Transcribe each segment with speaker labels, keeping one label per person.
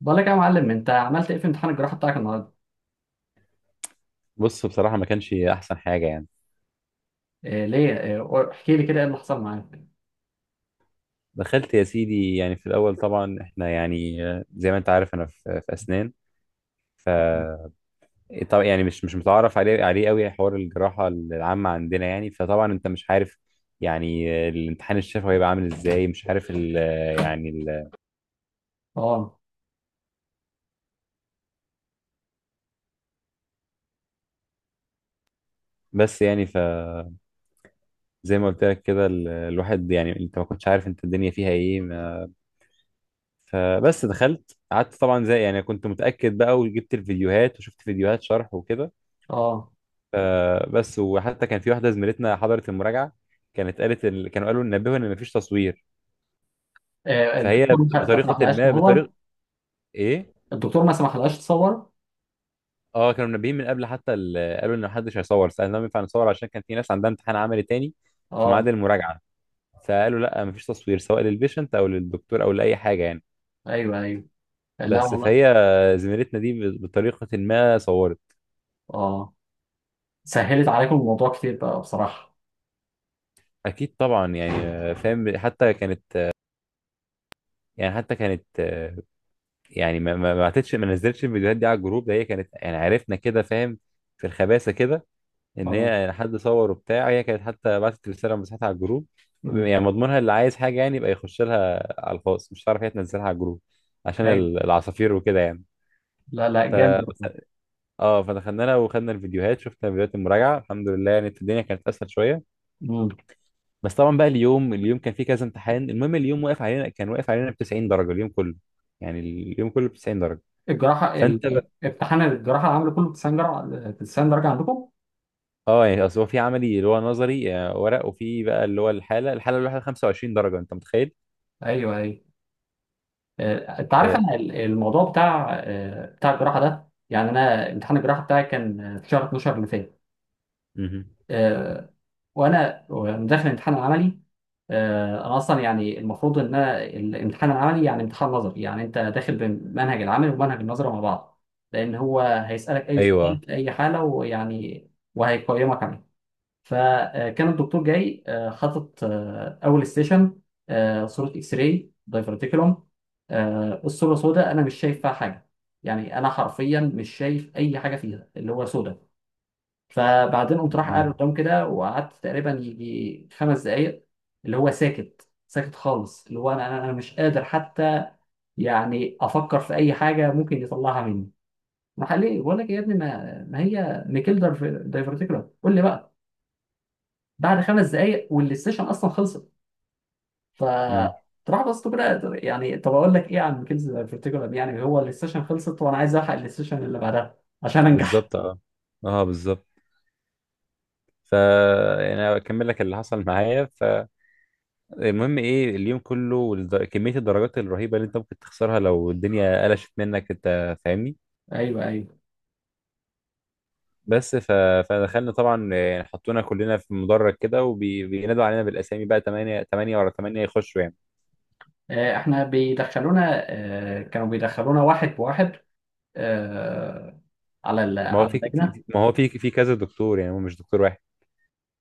Speaker 1: بقول لك يا معلم، انت عملت ايه في امتحان الجراحه بتاعك النهارده؟
Speaker 2: بص، بصراحة ما كانش أحسن حاجة يعني.
Speaker 1: إيه ليه، إيه احكي لي كده، ايه اللي حصل معاك؟
Speaker 2: دخلت يا سيدي، يعني في الأول طبعا إحنا يعني زي ما أنت عارف أنا في أسنان. ف طبعا يعني مش متعرف عليه قوي حوار الجراحة العامة عندنا، يعني فطبعا أنت مش عارف يعني الامتحان الشفوي هيبقى عامل إزاي، مش عارف ال آه، يعني
Speaker 1: اه.
Speaker 2: بس يعني. فزي ما قلت لك كده، الواحد يعني أنت ما كنتش عارف أنت الدنيا فيها إيه. ما فبس دخلت قعدت طبعا، زي يعني كنت متأكد بقى، وجبت الفيديوهات وشفت فيديوهات شرح وكده.
Speaker 1: اه.
Speaker 2: فبس، وحتى كان في واحده زميلتنا حضرت المراجعه، كانت قالت كانوا قالوا نبهوا ان مفيش تصوير.
Speaker 1: إيه
Speaker 2: فهي
Speaker 1: الدكتور ما
Speaker 2: بطريقه
Speaker 1: سمحلهاش
Speaker 2: ما،
Speaker 1: تصور؟
Speaker 2: بطريقه، ايه.
Speaker 1: الدكتور ما سمحلهاش تصور؟
Speaker 2: اه، كانوا منبهين من قبل، حتى قالوا ان محدش هيصور. سالناهم ينفع نصور، عشان كان في ناس عندها امتحان عملي تاني في
Speaker 1: اه،
Speaker 2: ميعاد المراجعه، فقالوا لا، مفيش تصوير سواء للبيشنت او للدكتور او لاي حاجه يعني.
Speaker 1: ايوه ايوه. لا
Speaker 2: بس
Speaker 1: والله.
Speaker 2: فهي زميلتنا دي بطريقه ما صورت.
Speaker 1: اه. سهلت عليكم الموضوع كتير بقى بصراحه.
Speaker 2: اكيد طبعا يعني، فاهم. حتى كانت يعني، حتى كانت يعني ما بعتتش، ما نزلتش الفيديوهات دي على الجروب ده. هي كانت يعني عرفنا كده، فاهم، في الخباثه كده، ان هي
Speaker 1: اه.
Speaker 2: يعني حد صور وبتاع. هي كانت حتى بعتت رساله مسحتها على الجروب،
Speaker 1: امم.
Speaker 2: يعني مضمونها اللي عايز حاجه يعني يبقى يخش لها على الخاص، مش هتعرف هي تنزلها على الجروب عشان
Speaker 1: ايوه.
Speaker 2: العصافير وكده يعني.
Speaker 1: لا لا، جامد والله.
Speaker 2: ف اه، فدخلنا لها وخدنا الفيديوهات، شفنا فيديوهات المراجعه، الحمد لله يعني الدنيا كانت اسهل شويه.
Speaker 1: امم.
Speaker 2: بس طبعا بقى، اليوم كان فيه كذا امتحان. المهم، اليوم واقف علينا، كان واقف علينا ب 90 درجه اليوم كله، يعني اليوم كله ب 90 درجه.
Speaker 1: الجراحه
Speaker 2: فانت،
Speaker 1: امتحان الجراحه عامله كله 90 درجه، 90 درجه عندكم؟
Speaker 2: اه يعني اصل هو في عملي اللي هو نظري، ورق، وفي بقى اللي هو الحاله الواحده 25 درجه، انت متخيل.
Speaker 1: ايوه ايوه. انت عارف
Speaker 2: آه.
Speaker 1: انا الموضوع بتاع بتاع الجراحه ده، يعني انا امتحان الجراحه بتاعي كان في شهر 12 اللي فات.
Speaker 2: مهم.
Speaker 1: آه، وانا وأنا داخل الامتحان العملي، انا اصلا يعني المفروض ان انا الامتحان العملي يعني امتحان نظري، يعني انت داخل بمنهج العمل ومنهج النظري مع بعض، لان هو هيسالك اي
Speaker 2: ايوه.
Speaker 1: سؤال في اي حاله ويعني وهيقيمك عليه. فكان الدكتور جاي حاطط اول ستيشن، صوره اكس راي دايفرتيكولوم. الصوره سوداء، انا مش شايف فيها حاجه، يعني انا حرفيا مش شايف اي حاجه فيها اللي هو سوداء. فبعدين قمت راح قاعد
Speaker 2: مم.
Speaker 1: قدام كده، وقعدت تقريبا يجي خمس دقائق اللي هو ساكت ساكت خالص، اللي هو انا أنا مش قادر حتى يعني افكر في اي حاجه ممكن يطلعها مني. راح قال لي بقول لك يا ابني، ما هي ميكيل دايفرتيكولوم، قول لي بقى. بعد خمس دقايق والسيشن اصلا خلصت. ف
Speaker 2: مم.
Speaker 1: تروح بس كده، يعني طب اقول لك ايه عن ميكيلز فيرتيجرال، يعني هو السيشن خلصت وانا عايز الحق السيشن اللي بعدها عشان انجح.
Speaker 2: بالظبط، اه. اه بالظبط. ف يعني أنا اكمل لك اللي حصل معايا. فالمهم ايه، اليوم كله، كميه الدرجات الرهيبه اللي انت ممكن تخسرها لو الدنيا قلشت منك، انت فاهمني.
Speaker 1: ايوه ايوه.
Speaker 2: بس ف... فدخلنا طبعا، يعني حطونا كلنا في مدرج كده وبينادوا علينا بالاسامي، بقى 8 8 ورا 8 يخشوا يعني.
Speaker 1: احنا بيدخلونا، كانوا بيدخلونا واحد بواحد، آه، على
Speaker 2: ما هو
Speaker 1: على
Speaker 2: في في-
Speaker 1: اللجنه.
Speaker 2: في- ما هو في كذا دكتور، يعني هو مش دكتور واحد.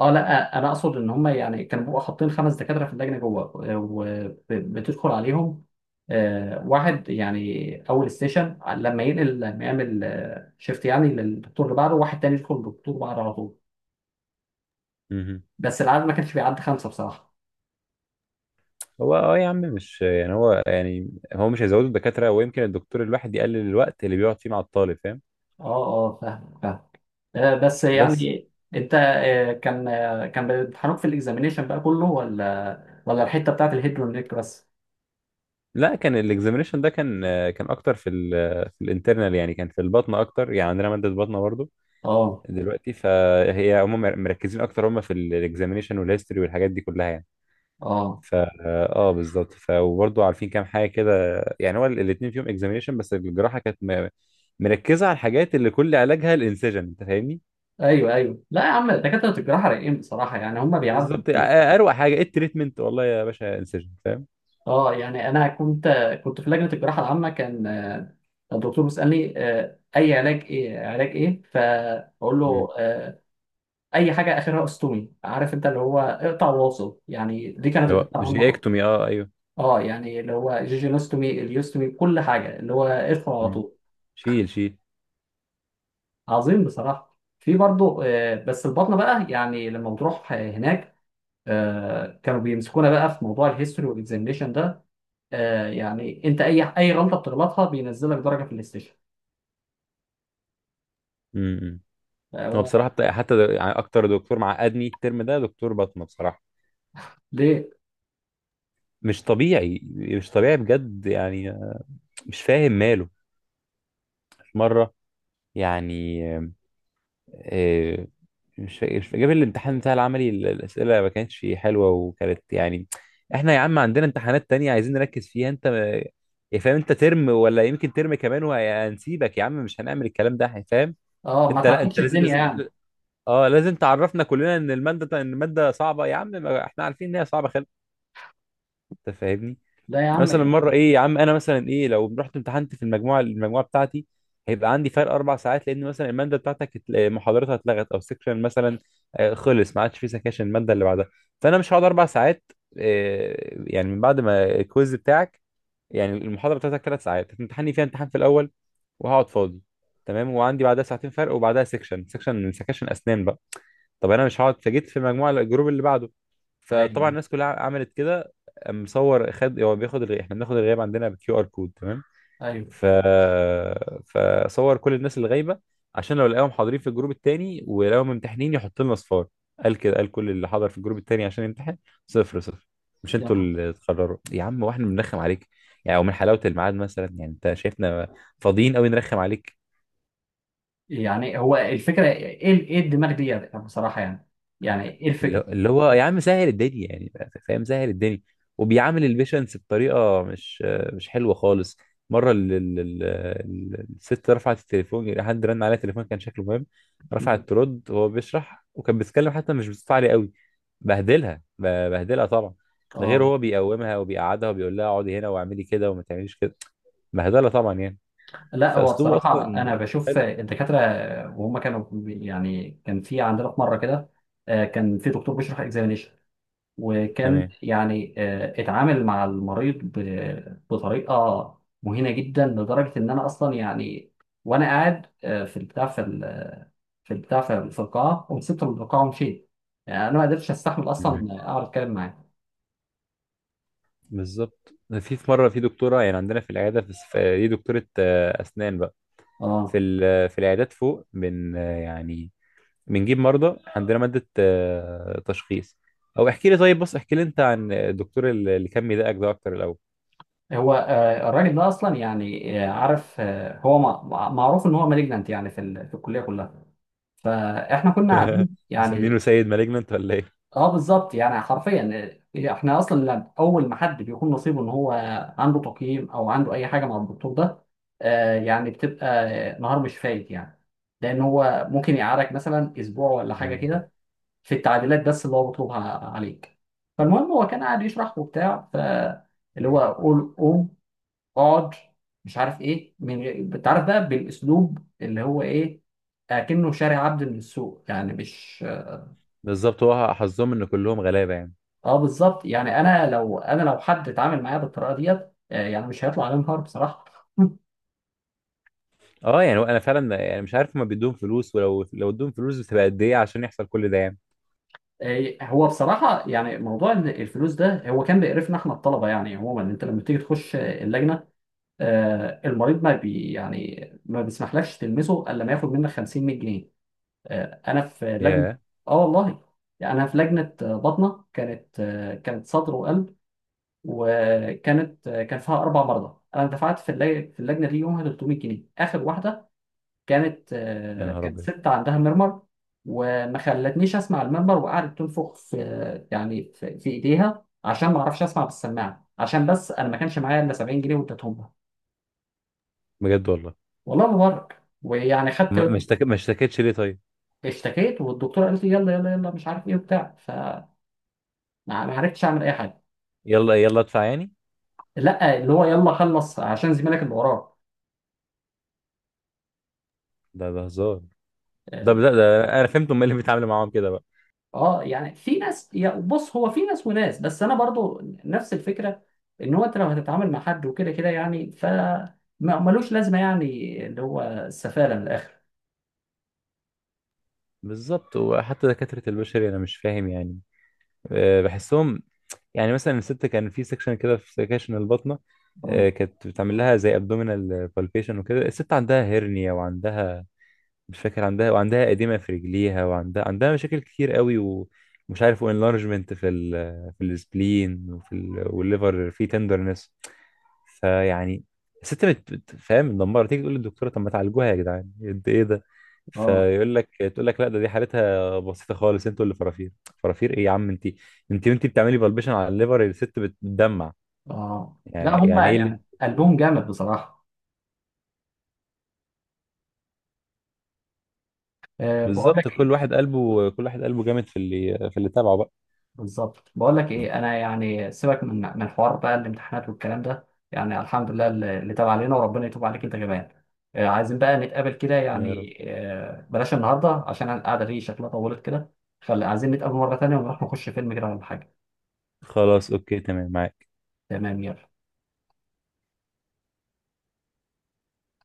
Speaker 1: اه لا، انا اقصد ان هم يعني كانوا بيبقوا حاطين خمس دكاتره في اللجنه جوه، وبتدخل عليهم واحد، يعني اول ستيشن لما ينقل، لما يعمل شيفت يعني للدكتور اللي بعده، واحد تاني يدخل للدكتور بعده على طول.
Speaker 2: مهم.
Speaker 1: بس العدد ما كانش بيعدي خمسه بصراحه.
Speaker 2: هو اه يا عم، مش يعني، هو يعني هو مش هيزودوا الدكاترة، ويمكن الدكتور الواحد يقلل الوقت اللي بيقعد فيه مع الطالب، فاهم.
Speaker 1: اه. اه فاهم فاهم. بس
Speaker 2: بس،
Speaker 1: يعني انت كان كان بيمتحنوك في الاكزامينيشن بقى كله، ولا الحته بتاعت الهيد والنيك بس؟
Speaker 2: لا كان الاكزامينشن ده كان، كان اكتر في في الانترنال، يعني كان في البطن اكتر، يعني عندنا مادة بطنة برضو
Speaker 1: اه.
Speaker 2: دلوقتي. فهي هم مركزين اكتر، هم في الاكزامينشن والهيستوري والحاجات دي كلها يعني.
Speaker 1: اه.
Speaker 2: فا اه بالظبط. وبرضه عارفين كام حاجه كده. يعني هو الاثنين فيهم اكزامينشن، بس الجراحه كانت مركزه على الحاجات اللي كل علاجها الانسجن، انت فاهمني.
Speaker 1: ايوه ايوه، لا يا عم دكاتره الجراحه رايقين بصراحه، يعني هم بيعدوا
Speaker 2: بالظبط،
Speaker 1: الدنيا.
Speaker 2: اروق حاجه ايه التريتمنت، والله يا باشا، انسجن، فاهم.
Speaker 1: اه يعني انا كنت في لجنه الجراحه العامه، كان الدكتور بيسالني اي علاج، ايه علاج ايه، فاقول
Speaker 2: مم.
Speaker 1: له اي حاجه اخرها استومي. عارف انت اللي هو اقطع واصل، يعني دي كانت
Speaker 2: اللي هو
Speaker 1: الجراحه العامه كلها.
Speaker 2: جيكتومي، اه ايوه.
Speaker 1: اه، يعني اللي هو جيجينوستومي، اليوستومي، كل حاجه اللي هو ادخل على
Speaker 2: مم.
Speaker 1: طول.
Speaker 2: شيل شيل.
Speaker 1: عظيم بصراحه. في برضه بس البطنه بقى، يعني لما بتروح هناك كانوا بيمسكونا بقى في موضوع الهيستوري والاكزامينشن ده. آه، يعني انت اي اي غلطه بتغلطها بينزلك درجه في الاستيشن.
Speaker 2: مم.
Speaker 1: آه
Speaker 2: هو بصراحه
Speaker 1: هو.
Speaker 2: حتى يعني اكتر دكتور معقدني الترم ده دكتور بطنه، بصراحه
Speaker 1: ليه؟
Speaker 2: مش طبيعي، مش طبيعي بجد يعني، مش فاهم ماله مره يعني. مش فاكر، مش فاكر. جاب الامتحان بتاع العملي، الأسئلة ما كانتش حلوة، وكانت يعني، احنا يا عم عندنا امتحانات تانية عايزين نركز فيها. انت يا فاهم، انت ترم، ولا يمكن ترم كمان وهنسيبك يا عم، مش هنعمل الكلام ده، فاهم.
Speaker 1: اه ما
Speaker 2: انت لا، انت
Speaker 1: تعقدش
Speaker 2: لازم،
Speaker 1: الدنيا يعني.
Speaker 2: اه لازم تعرفنا كلنا ان المادة، ان المادة صعبة يا عم. ما احنا عارفين ان هي صعبة خالص، انت فاهمني.
Speaker 1: لا يا عم.
Speaker 2: مثلا مره ايه يا عم، انا مثلا ايه لو رحت امتحنت في المجموعه بتاعتي، هيبقى عندي فرق 4 ساعات. لان مثلا الماده بتاعتك محاضرتها اتلغت، او سكشن مثلا خلص، ما عادش في سكاشن الماده اللي بعدها. فانا مش هقعد 4 ساعات، يعني من بعد ما الكويز بتاعك، يعني المحاضره بتاعتك 3 ساعات هتمتحني فيها امتحان في الاول، وهقعد فاضي، تمام. وعندي بعدها ساعتين فرق، وبعدها سكشن سكشن سكشن اسنان بقى. طب انا مش هقعد، فجيت في مجموعه الجروب اللي بعده، فطبعا
Speaker 1: ايوه
Speaker 2: الناس كلها عملت كده. قام مصور، خد، هو بياخد احنا بناخد الغياب عندنا بكيو ار كود، تمام.
Speaker 1: ايوه.
Speaker 2: ف فصور كل الناس اللي غايبه، عشان لو لقاهم حاضرين في الجروب التاني ولقاهم ممتحنين يحط لنا صفار. قال كده، قال كل اللي حضر في الجروب التاني عشان يمتحن صفر صفر. مش انتوا
Speaker 1: يعني،
Speaker 2: اللي تقرروا يا عم، واحنا بنرخم عليك يعني، ومن حلاوه الميعاد مثلا يعني، انت شايفنا فاضيين قوي نرخم عليك؟
Speaker 1: يعني هو الفكره ايه، ايه الدماغ دي يعني بصراحه، يعني يعني ايه
Speaker 2: اللي
Speaker 1: الفكره؟
Speaker 2: اللي هو يا عم سهل الدنيا يعني، فاهم، سهل الدنيا. وبيعامل البيشنس بطريقه مش حلوه خالص. مره الست رفعت التليفون، حد رن عليها التليفون كان شكله مهم، رفعت ترد وهو بيشرح، وكان بيتكلم حتى مش بصوت عالي قوي، بهدلها، بهدلها طبعا. ده غير
Speaker 1: اه
Speaker 2: هو بيقومها وبيقعدها، وبيقول لها اقعدي هنا واعملي كده وما تعمليش كده، بهدلها طبعا يعني.
Speaker 1: لا، هو
Speaker 2: فاسلوبه
Speaker 1: بصراحه
Speaker 2: اصلا
Speaker 1: انا بشوف
Speaker 2: حلو،
Speaker 1: الدكاتره وهم كانوا بي-، يعني كان في عندنا في مره كده كان في دكتور بيشرح اكزامينيشن، وكان
Speaker 2: تمام،
Speaker 1: يعني اتعامل مع المريض بطريقه مهينه جدا، لدرجه ان انا اصلا يعني، وانا قاعد في البتاع في في البتاع في في القاعه، وسبت القاعه ومشيت. يعني انا ما قدرتش استحمل اصلا اقعد اتكلم معاه.
Speaker 2: بالظبط. في في مره، في دكتوره يعني عندنا في العياده، دي دكتوره اسنان بقى، في
Speaker 1: اه.
Speaker 2: في العيادات فوق، بن يعني بنجيب مرضى عندنا، ماده تشخيص. او احكي لي، طيب بص احكي لي انت عن الدكتور اللي كان بيضايقك ده اكتر الاول.
Speaker 1: هو الراجل ده اصلا يعني عارف هو معروف ان هو مالجنانت يعني في في الكليه كلها، فاحنا كنا قاعدين
Speaker 2: مسمينه
Speaker 1: يعني.
Speaker 2: سيد مالجننت ولا ايه؟
Speaker 1: اه بالظبط، يعني حرفيا. إيه، احنا اصلا اول ما حد بيكون نصيبه ان هو عنده تقييم او عنده اي حاجه مع الدكتور ده، آه يعني بتبقى نهار مش فايت، يعني لان هو ممكن يقعدك مثلا اسبوع ولا حاجه
Speaker 2: مم.
Speaker 1: كده في التعديلات بس اللي هو بيطلبها عليك. فالمهم، هو كان قاعد يشرح وبتاع، ف اللي هو
Speaker 2: ايوه
Speaker 1: قول قوم، اقعد، مش عارف ايه، من غير انت عارف بقى بالاسلوب اللي هو ايه، اكنه شاري عبد من السوق يعني، مش.
Speaker 2: بالظبط، هو حظهم ان كلهم غلابه يعني.
Speaker 1: اه بالظبط، يعني انا لو، انا لو حد اتعامل معايا بالطريقه ديت يعني مش هيطلع عليه نهار بصراحه.
Speaker 2: اه، يعني انا فعلا يعني مش عارف، ما بيدوهم فلوس؟ ولو لو ادوهم فلوس بتبقى قد ايه عشان يحصل كل ده يعني؟
Speaker 1: هو بصراحه يعني موضوع إن الفلوس ده هو كان بيقرفنا احنا الطلبه يعني. عموما انت لما بتيجي تخش اللجنه المريض ما بي يعني ما بيسمحلكش تلمسه الا لما ياخد منك 50 100 جنيه. انا في لجنه.
Speaker 2: ياه.
Speaker 1: اه والله. يعني انا في لجنه باطنه، كانت كانت صدر وقلب، وكانت كان فيها اربع مرضى، انا دفعت في في اللجنه دي يومها 300 جنيه. اخر واحده كانت
Speaker 2: يا نهار
Speaker 1: كانت
Speaker 2: ابيض.
Speaker 1: ست عندها مرمر، وما خلتنيش اسمع المنبر، وقعدت تنفخ في يعني في ايديها عشان ما اعرفش اسمع بالسماعه، عشان بس انا ما كانش معايا الا 70 جنيه واديتهم لها.
Speaker 2: بجد والله؟
Speaker 1: والله ما بهزر. ويعني خدت.
Speaker 2: ما اشتكتش ليه طيب؟
Speaker 1: اشتكيت والدكتوره قالت لي يلا يلا يلا مش عارف ايه وبتاع، فما ما عرفتش اعمل اي حاجه.
Speaker 2: يلا يلا ادفع يعني.
Speaker 1: لا، اللي هو يلا خلص عشان زميلك اللي وراك.
Speaker 2: ده ده هزار. ده انا فهمت هم إيه اللي بيتعاملوا معاهم كده بقى.
Speaker 1: اه يعني في ناس، يا بص هو في ناس وناس، بس انا برضو نفس الفكره ان هو انت لو هتتعامل مع حد وكده كده يعني ف ما- ملوش لازمه يعني، اللي هو السفاله من الاخر.
Speaker 2: بالظبط. وحتى دكاترة البشري انا مش فاهم يعني، أه بحسهم. يعني مثلا الست، كان في سكشن كده في سكشن البطنة،
Speaker 1: اه.
Speaker 2: أه كانت بتعمل لها زي ابدومينال بالبيشن وكده. الست عندها هرنيا، وعندها مش فاكر عندها، وعندها إديمة في رجليها، عندها مشاكل كتير قوي، ومش عارف، وانلارجمنت في في السبلين، وفي والليفر في تندرنس. فيعني الست فاهم، مدمرة. تيجي تقول للدكتورة، طب ما تعالجوها يا جدعان، قد ايه ده؟
Speaker 1: اه.
Speaker 2: فيقول لك، تقول لك لا ده، دي حالتها بسيطة خالص، انتوا اللي فرافير. فرافير ايه يا عم انت؟ انت وانت بتعملي بلبشن على الليفر الست بتدمع،
Speaker 1: اه
Speaker 2: يعني
Speaker 1: لا هم
Speaker 2: يعني ايه اللي؟
Speaker 1: يعني قلبهم جامد بصراحه. أه بقول
Speaker 2: بالظبط،
Speaker 1: لك.
Speaker 2: كل واحد قلبه جامد في اللي، في اللي تابعه بقى.
Speaker 1: بالظبط، بقول لك ايه، انا يعني سيبك من من حوار بقى الامتحانات والكلام ده، يعني الحمد لله اللي اللي تاب علينا، وربنا يتوب عليك انت كمان. عايزين بقى نتقابل كده،
Speaker 2: يا رب.
Speaker 1: يعني بلاش النهارده عشان القعده دي شكلها طولت كده، فعايزين نتقابل مره تانية ونروح نخش فيلم كده ولا حاجه.
Speaker 2: خلاص، اوكي تمام معاك.
Speaker 1: تمام، يلا.